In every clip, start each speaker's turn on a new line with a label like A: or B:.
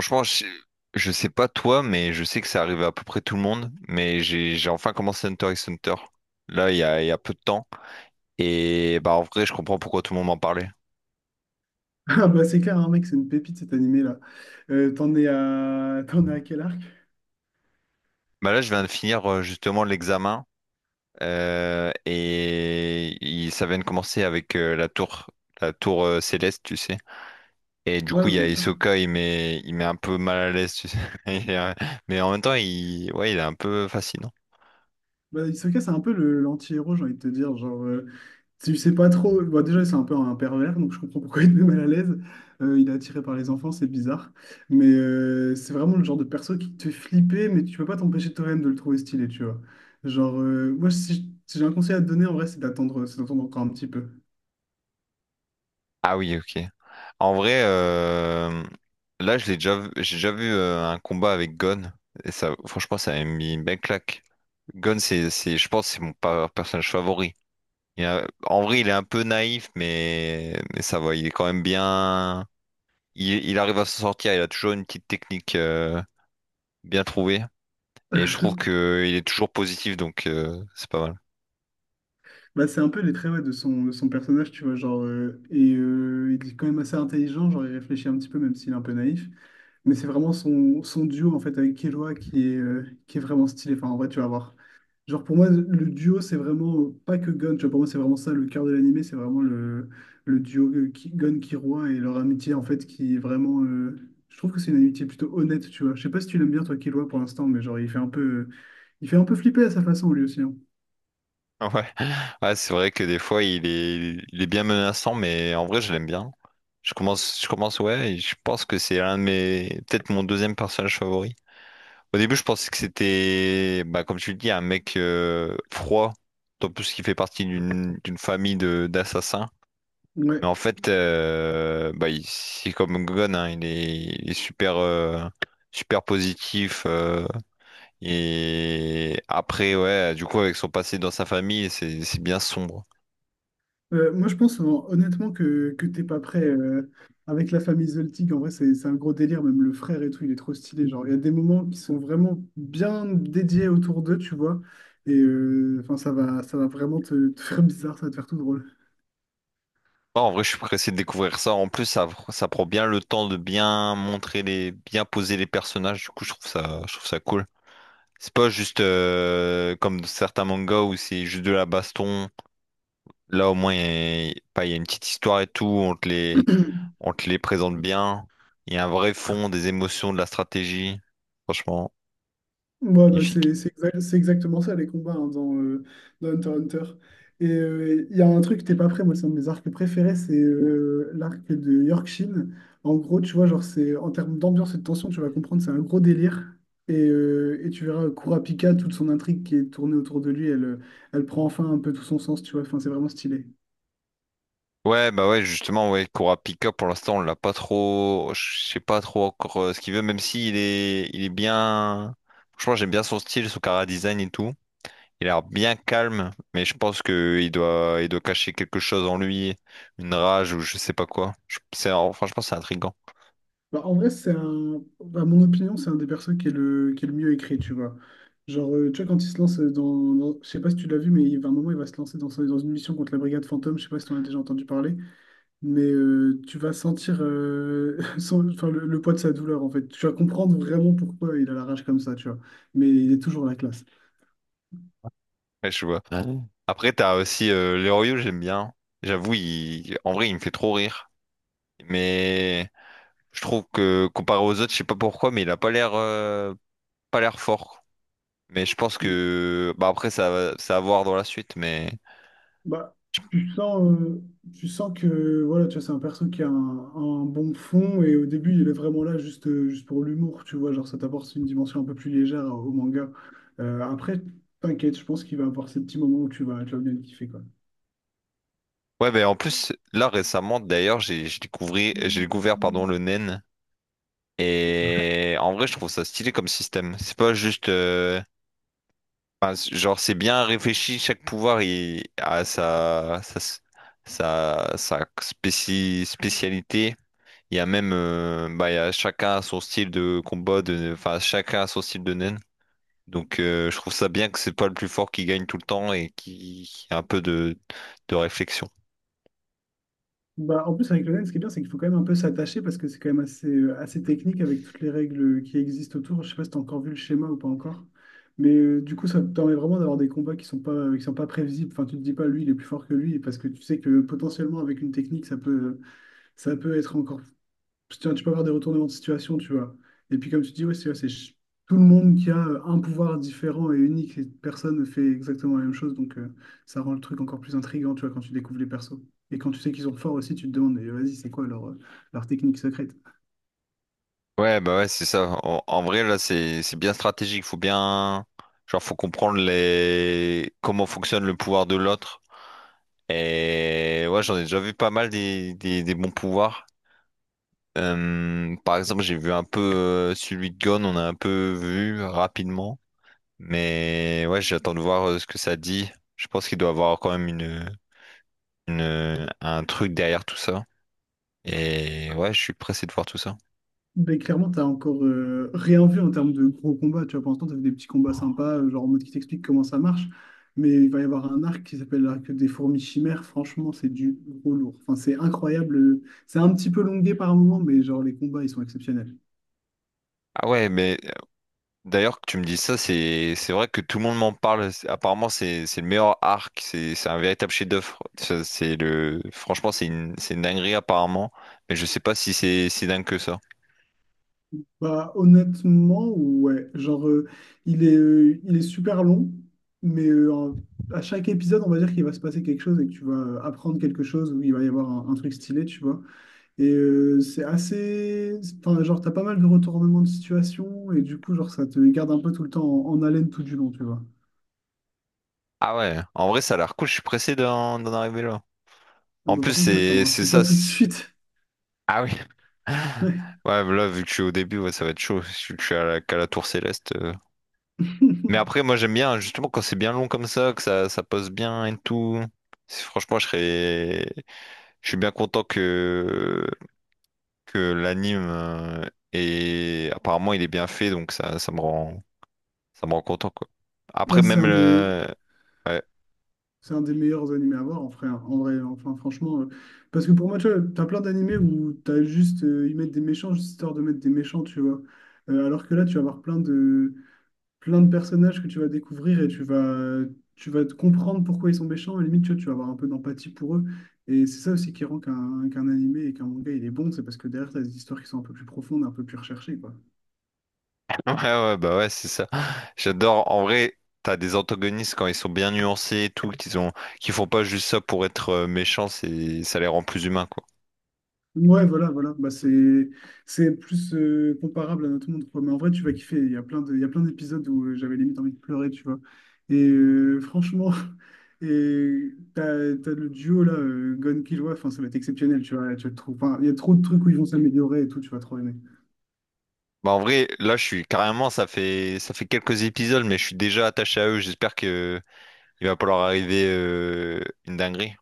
A: Franchement, je sais pas toi, mais je sais que ça arrive à peu près tout le monde. Mais j'ai enfin commencé Hunter x Hunter. Là, il y a peu de temps. Et bah en vrai, je comprends pourquoi tout le monde m'en parlait.
B: Ah bah c'est clair, hein, mec, c'est une pépite cet animé-là. T'en es à... t'en es à quel arc?
A: Bah là, je viens de finir justement l'examen. Ça vient de commencer avec la tour céleste, tu sais. Et du coup,
B: Ouais,
A: il y a
B: bien sûr.
A: Hisoka, il met un peu mal à l'aise, tu sais. Et, euh, mais en même temps, ouais, il est un peu fascinant.
B: Bah, Hisoka, c'est un peu le l'anti-héros, j'ai envie de te dire. Tu sais pas trop. Bah, déjà, c'est un peu un pervers, donc je comprends pourquoi il est mal à l'aise. Il est attiré par les enfants, c'est bizarre. Mais c'est vraiment le genre de perso qui te fait flipper, mais tu peux pas t'empêcher toi-même de le trouver stylé, tu vois. Genre, moi, si j'ai un conseil à te donner, en vrai, c'est d'attendre encore un petit peu.
A: Ah oui, ok. En vrai, là, je l'ai déjà, vu- j'ai déjà vu un combat avec Gon. Et ça, franchement, ça m'a mis une belle claque. Gon, je pense, que c'est mon personnage favori. En vrai, il est un peu naïf, mais ça va. Il est quand même bien. Il arrive à s'en sortir. Il a toujours une petite technique bien trouvée. Et je trouve que il est toujours positif, donc c'est pas mal.
B: Bah, c'est un peu les traits ouais, de son personnage, tu vois, genre, il est quand même assez intelligent, genre il réfléchit un petit peu, même s'il est un peu naïf, mais c'est vraiment son, son duo, en fait, avec Killua qui est vraiment stylé, enfin, en vrai, tu vas voir. Pour moi, le duo, c'est vraiment pas que Gon, tu vois, pour moi, c'est vraiment ça, le cœur de l'animé, c'est vraiment le, le duo Gon-Killua et leur amitié, en fait, je trouve que c'est une amitié plutôt honnête, tu vois, je sais pas si tu l'aimes bien, toi, Killua, pour l'instant, mais genre, il fait un peu, il fait un peu flipper à sa façon, lui aussi, hein.
A: Ouais, ouais, c'est vrai que des fois il est bien menaçant, mais en vrai je l'aime bien. Je commence, ouais, et je pense que c'est l'un de mes, peut-être mon deuxième personnage favori. Au début, je pensais que c'était, bah, comme tu le dis, un mec froid, en plus qui fait partie d'une famille de d'assassins. Mais
B: Ouais.
A: en fait, bah, c'est comme Gon, hein, il est super, super positif. Et après, ouais, du coup, avec son passé dans sa famille, c'est bien sombre.
B: Moi, je pense honnêtement que, t'es pas prêt avec la famille Zoltik. En vrai, c'est un gros délire. Même le frère et tout, il est trop stylé. Genre, il y a des moments qui sont vraiment bien dédiés autour d'eux, tu vois. Enfin, ça va vraiment te, te faire bizarre, ça va te faire tout drôle.
A: Non, en vrai, je suis pressé de découvrir ça. En plus, ça prend bien le temps de bien montrer bien poser les personnages. Du coup, je trouve ça cool. C'est pas juste comme certains mangas où c'est juste de la baston. Là, au moins, il y a, pas- il y a une petite histoire et tout. On te les présente bien. Il y a un vrai fond, des émotions, de la stratégie. Franchement,
B: Ouais, bah,
A: magnifique.
B: c'est exactement ça les combats hein, dans Hunter x Hunter. Et il y a un truc, t'es pas prêt, moi c'est un de mes arcs préférés, c'est l'arc de Yorkshin. En gros, tu vois, genre c'est en termes d'ambiance et de tension, tu vas comprendre, c'est un gros délire. Et tu verras Kurapika, toute son intrigue qui est tournée autour de lui, elle prend enfin un peu tout son sens, tu vois, enfin c'est vraiment stylé.
A: Ouais, bah ouais, justement, ouais, Kurapika, pour l'instant, on l'a pas trop, je sais pas trop encore ce qu'il veut, même si il est bien, franchement, j'aime bien son style, son cara design et tout. Il a l'air bien calme, mais je pense que il doit cacher quelque chose en lui, une rage ou je sais pas quoi. C'est, franchement, c'est intriguant.
B: Bah, en vrai, c'est un... à mon opinion, c'est un des persos qui est le mieux écrit, tu vois. Tu vois, quand il se lance dans... dans- Je sais pas si tu l'as vu, mais il va un moment, il va se lancer dans, son- dans une mission contre la Brigade Fantôme. Je sais pas si tu en as déjà entendu parler. Mais tu vas sentir son- enfin, le poids de sa douleur, en fait. Tu vas comprendre vraiment pourquoi il a la rage comme ça, tu vois. Mais il est toujours la classe.
A: Ouais, je vois. Ouais. Après, t'as aussi Leroyou, j'aime bien. J'avoue, en vrai, il me fait trop rire. Mais je trouve que comparé aux autres, je sais pas pourquoi, mais il a pas l'air, pas l'air fort. Mais je pense que bah après ça à voir dans la suite mais
B: Bah, tu sens, euh, tu sens que voilà, tu vois, c'est un perso qui a un bon fond et au début il est vraiment là juste pour l'humour, tu vois, genre ça t'apporte une dimension un peu plus légère au manga. Après, t'inquiète, je pense qu'il va avoir ces petits moments où tu vas bien le kiffer, quoi.
A: ouais mais en plus là récemment d'ailleurs j'ai découvert pardon le nen et en vrai je trouve ça stylé comme système, c'est pas juste enfin, genre c'est bien réfléchi, chaque pouvoir il a sa spécialité. Il y a même bah il y a chacun son style de combat de enfin chacun son style de nen. Donc je trouve ça bien que c'est pas le plus fort qui gagne tout le temps et qui a un peu de réflexion.
B: Bah, en plus, avec le LAN, ce qui est bien, c'est qu'il faut quand même un peu s'attacher parce que c'est quand même assez technique avec toutes les règles qui existent autour. Je sais pas si tu as encore vu le schéma ou pas encore. Mais du coup, ça te permet vraiment d'avoir des combats qui sont pas prévisibles. Enfin, tu te dis pas, lui, il est plus fort que lui parce que tu sais que potentiellement, avec une technique, ça peut être encore tu vois, tu peux avoir des retournements de situation, tu vois. Et puis, comme tu dis, ouais, tout le monde qui a un pouvoir différent et unique, et personne ne fait exactement la même chose. Donc, ça rend le truc encore plus intriguant, tu vois, quand tu découvres les persos. Et quand tu sais qu'ils sont forts aussi, tu te demandes, mais vas-y, c'est quoi leur technique secrète?
A: Ouais, bah ouais, c'est ça. En vrai, là, c'est bien stratégique. Faut comprendre les comment fonctionne le pouvoir de l'autre. Et ouais, j'en ai déjà vu pas mal des bons pouvoirs. Par exemple, j'ai vu un peu celui de Gon, on a un peu vu rapidement. Mais ouais, j'attends de voir ce que ça dit. Je pense qu'il doit avoir quand même une un truc derrière tout ça. Et ouais, je suis pressé de voir tout ça.
B: Ben, clairement, t'as encore rien vu en termes de gros combats. Tu vois, pour l'instant, t'as vu des petits combats sympas, genre en mode qui t'explique comment ça marche. Mais il va y avoir un arc qui s'appelle l'arc des fourmis chimères. Franchement, c'est du gros lourd. Enfin, c'est incroyable. C'est un petit peu longué par moment, mais genre les combats, ils sont exceptionnels.
A: Ah ouais, mais d'ailleurs que tu me dis ça, c'est vrai que tout le monde m'en parle. Apparemment, c'est le meilleur arc. C'est un véritable chef-d'œuvre. C'est le franchement, c'est une dinguerie apparemment. Mais je sais pas si c'est si dingue que ça.
B: Bah, honnêtement, ouais. Genre, il est super long, mais à chaque épisode, on va dire qu'il va se passer quelque chose et que tu vas apprendre quelque chose ou il va y avoir un truc stylé, tu vois. Et c'est assez. Enfin, genre, t'as pas mal de retournements de situation et du coup, genre, ça te garde un peu tout le temps en, en haleine tout du long, tu vois.
A: Ah ouais, en vrai, ça a l'air cool. Je suis pressé d'en arriver là.
B: Ah
A: En
B: bah,
A: plus,
B: par contre, t'as le temps, hein. C'est pas tout de suite.
A: Ah oui.
B: Ouais.
A: Ouais, là, vu que je suis au début, ouais, ça va être chaud. Je suis qu'à la tour céleste. Mais après, moi j'aime bien justement quand c'est bien long comme ça, que ça pose bien et tout. C'est- Franchement, je serais... je suis bien content que l'anime apparemment il est bien fait, donc ça me rend content quoi.
B: Bah,
A: Après même le... Ouais,
B: c'est un des meilleurs animés à voir en vrai, enfin franchement. Parce que pour moi, tu vois, t'as plein d'animés où t'as juste, ils mettent des méchants juste histoire de mettre des méchants, tu vois. Alors que là, tu vas avoir plein de personnages que tu vas découvrir et tu vas te comprendre pourquoi ils sont méchants. Et limite, tu vois, tu vas avoir un peu d'empathie pour eux. Et c'est ça aussi qui rend qu'un animé et qu'un manga, il est bon. C'est parce que derrière, tu as des histoires qui sont un peu plus profondes, un peu plus recherchées, quoi.
A: ouais, bah ouais, c'est ça. J'adore. En vrai, t'as des antagonistes quand ils sont bien nuancés et tout, qu'ils ont... qu'ils font pas juste ça pour être méchants, c'est... ça les rend plus humains quoi.
B: Ouais, voilà, voilà. Bah, c'est, c'est plus comparable à notre monde, quoi. Mais en vrai, tu vas kiffer. Il y a plein de, il y a plein d'épisodes où j'avais limite envie de pleurer, tu vois. Et franchement... Et t'as, t'as le duo là, Gon Killua, enfin ça va être exceptionnel, tu vois, tu vas le trouver. Enfin, il y a trop de trucs où ils vont s'améliorer et tout, tu vas trop aimer.
A: Bah en vrai, là, je suis carrément, ça fait quelques épisodes, mais je suis déjà attaché à eux. J'espère que il va pas leur arriver une dinguerie.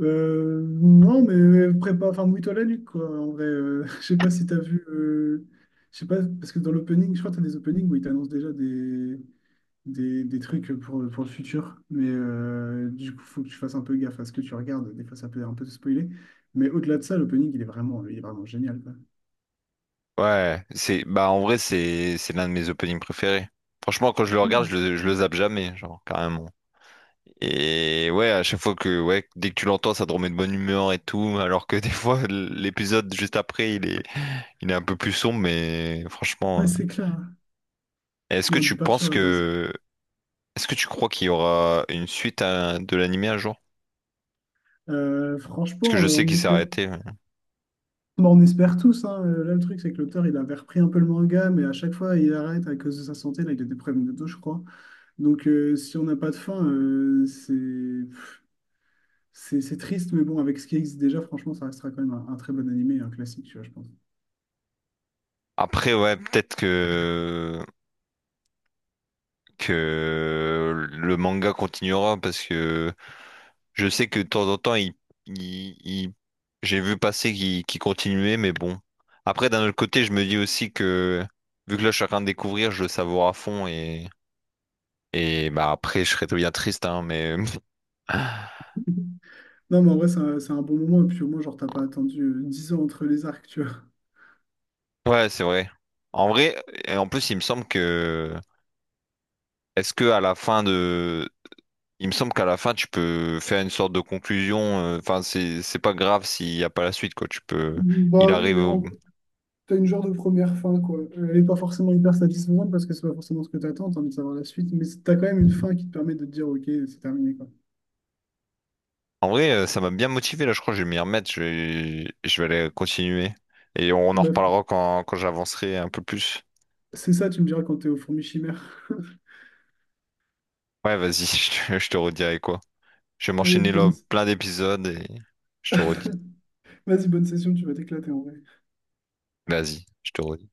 B: Non, mais prépa, enfin, mouille-toi la nuque, quoi. En vrai, je sais pas si t'as vu, je sais pas, parce que dans l'opening, je crois que t'as des openings où ils t'annoncent déjà des trucs pour le futur, mais du coup, faut que tu fasses un peu gaffe à ce que tu regardes. Des fois, ça peut un peu te spoiler, mais au-delà de ça, l'opening, il est vraiment génial, quoi.
A: Ouais, c'est bah en vrai, c'est l'un de mes openings préférés. Franchement, quand je le regarde, je le zappe jamais, genre carrément. Et ouais, à chaque fois que ouais, dès que tu l'entends, ça te remet de bonne humeur et tout, alors que des fois l'épisode juste après, il est un peu plus sombre, mais franchement,
B: Ouais, c'est clair, hein.
A: Est-ce que
B: Non,
A: tu
B: du part
A: penses
B: sur la base.
A: que est-ce que tu crois qu'il y aura une suite de l'animé un jour?
B: Euh,
A: Parce que
B: franchement,
A: je
B: euh,
A: sais
B: on
A: qu'il s'est
B: espère.
A: arrêté.
B: Bon, on espère tous, hein. Là, le truc, c'est que l'auteur, il avait repris un peu le manga, mais à chaque fois, il arrête à cause de sa santé. Là, il a des problèmes de dos, je crois. Donc, si on n'a pas de fin, c'est pff, c'est triste, mais bon, avec ce qui existe déjà, franchement, ça restera quand même un très bon animé, un classique, tu vois, je pense.
A: Après, ouais, peut-être que le manga continuera parce que je sais que de temps en temps, il- il- j'ai vu passer qu'il continuait, mais bon. Après, d'un autre côté, je me dis aussi que vu que là, je suis en train de découvrir, je le savoure à fond et bah après, je serais très bien triste, hein, mais
B: Non, mais en vrai, c'est un bon moment, et puis au moins, genre, t'as pas attendu 10 ans entre les arcs, tu vois.
A: ouais, c'est vrai. En vrai, et en plus, il me semble que est-ce que à la fin de il me semble qu'à la fin, tu peux faire une sorte de conclusion. Enfin, c'est pas grave s'il n'y a pas la suite, quoi. Tu peux. Il
B: Bah
A: arrive
B: oui, en
A: au-
B: gros, t'as une genre de première fin, quoi. Elle est pas forcément hyper satisfaisante parce que c'est pas forcément ce que t'attends, t'as envie de savoir la suite, mais c'est- t'as quand même une fin qui te permet de te dire, ok, c'est terminé, quoi.
A: En vrai, ça m'a bien motivé, là. Je crois que je vais m'y remettre. Je vais aller continuer. Et on en
B: Bref.
A: reparlera quand j'avancerai un peu plus.
B: C'est ça, tu me diras quand t'es au fourmi chimère.
A: Ouais, vas-y, je te redirai quoi. Je vais
B: Allez,
A: m'enchaîner
B: bonne...
A: là plein d'épisodes et je te redis.
B: Vas-y, bonne session, tu vas t'éclater en vrai.
A: Vas-y, je te redis.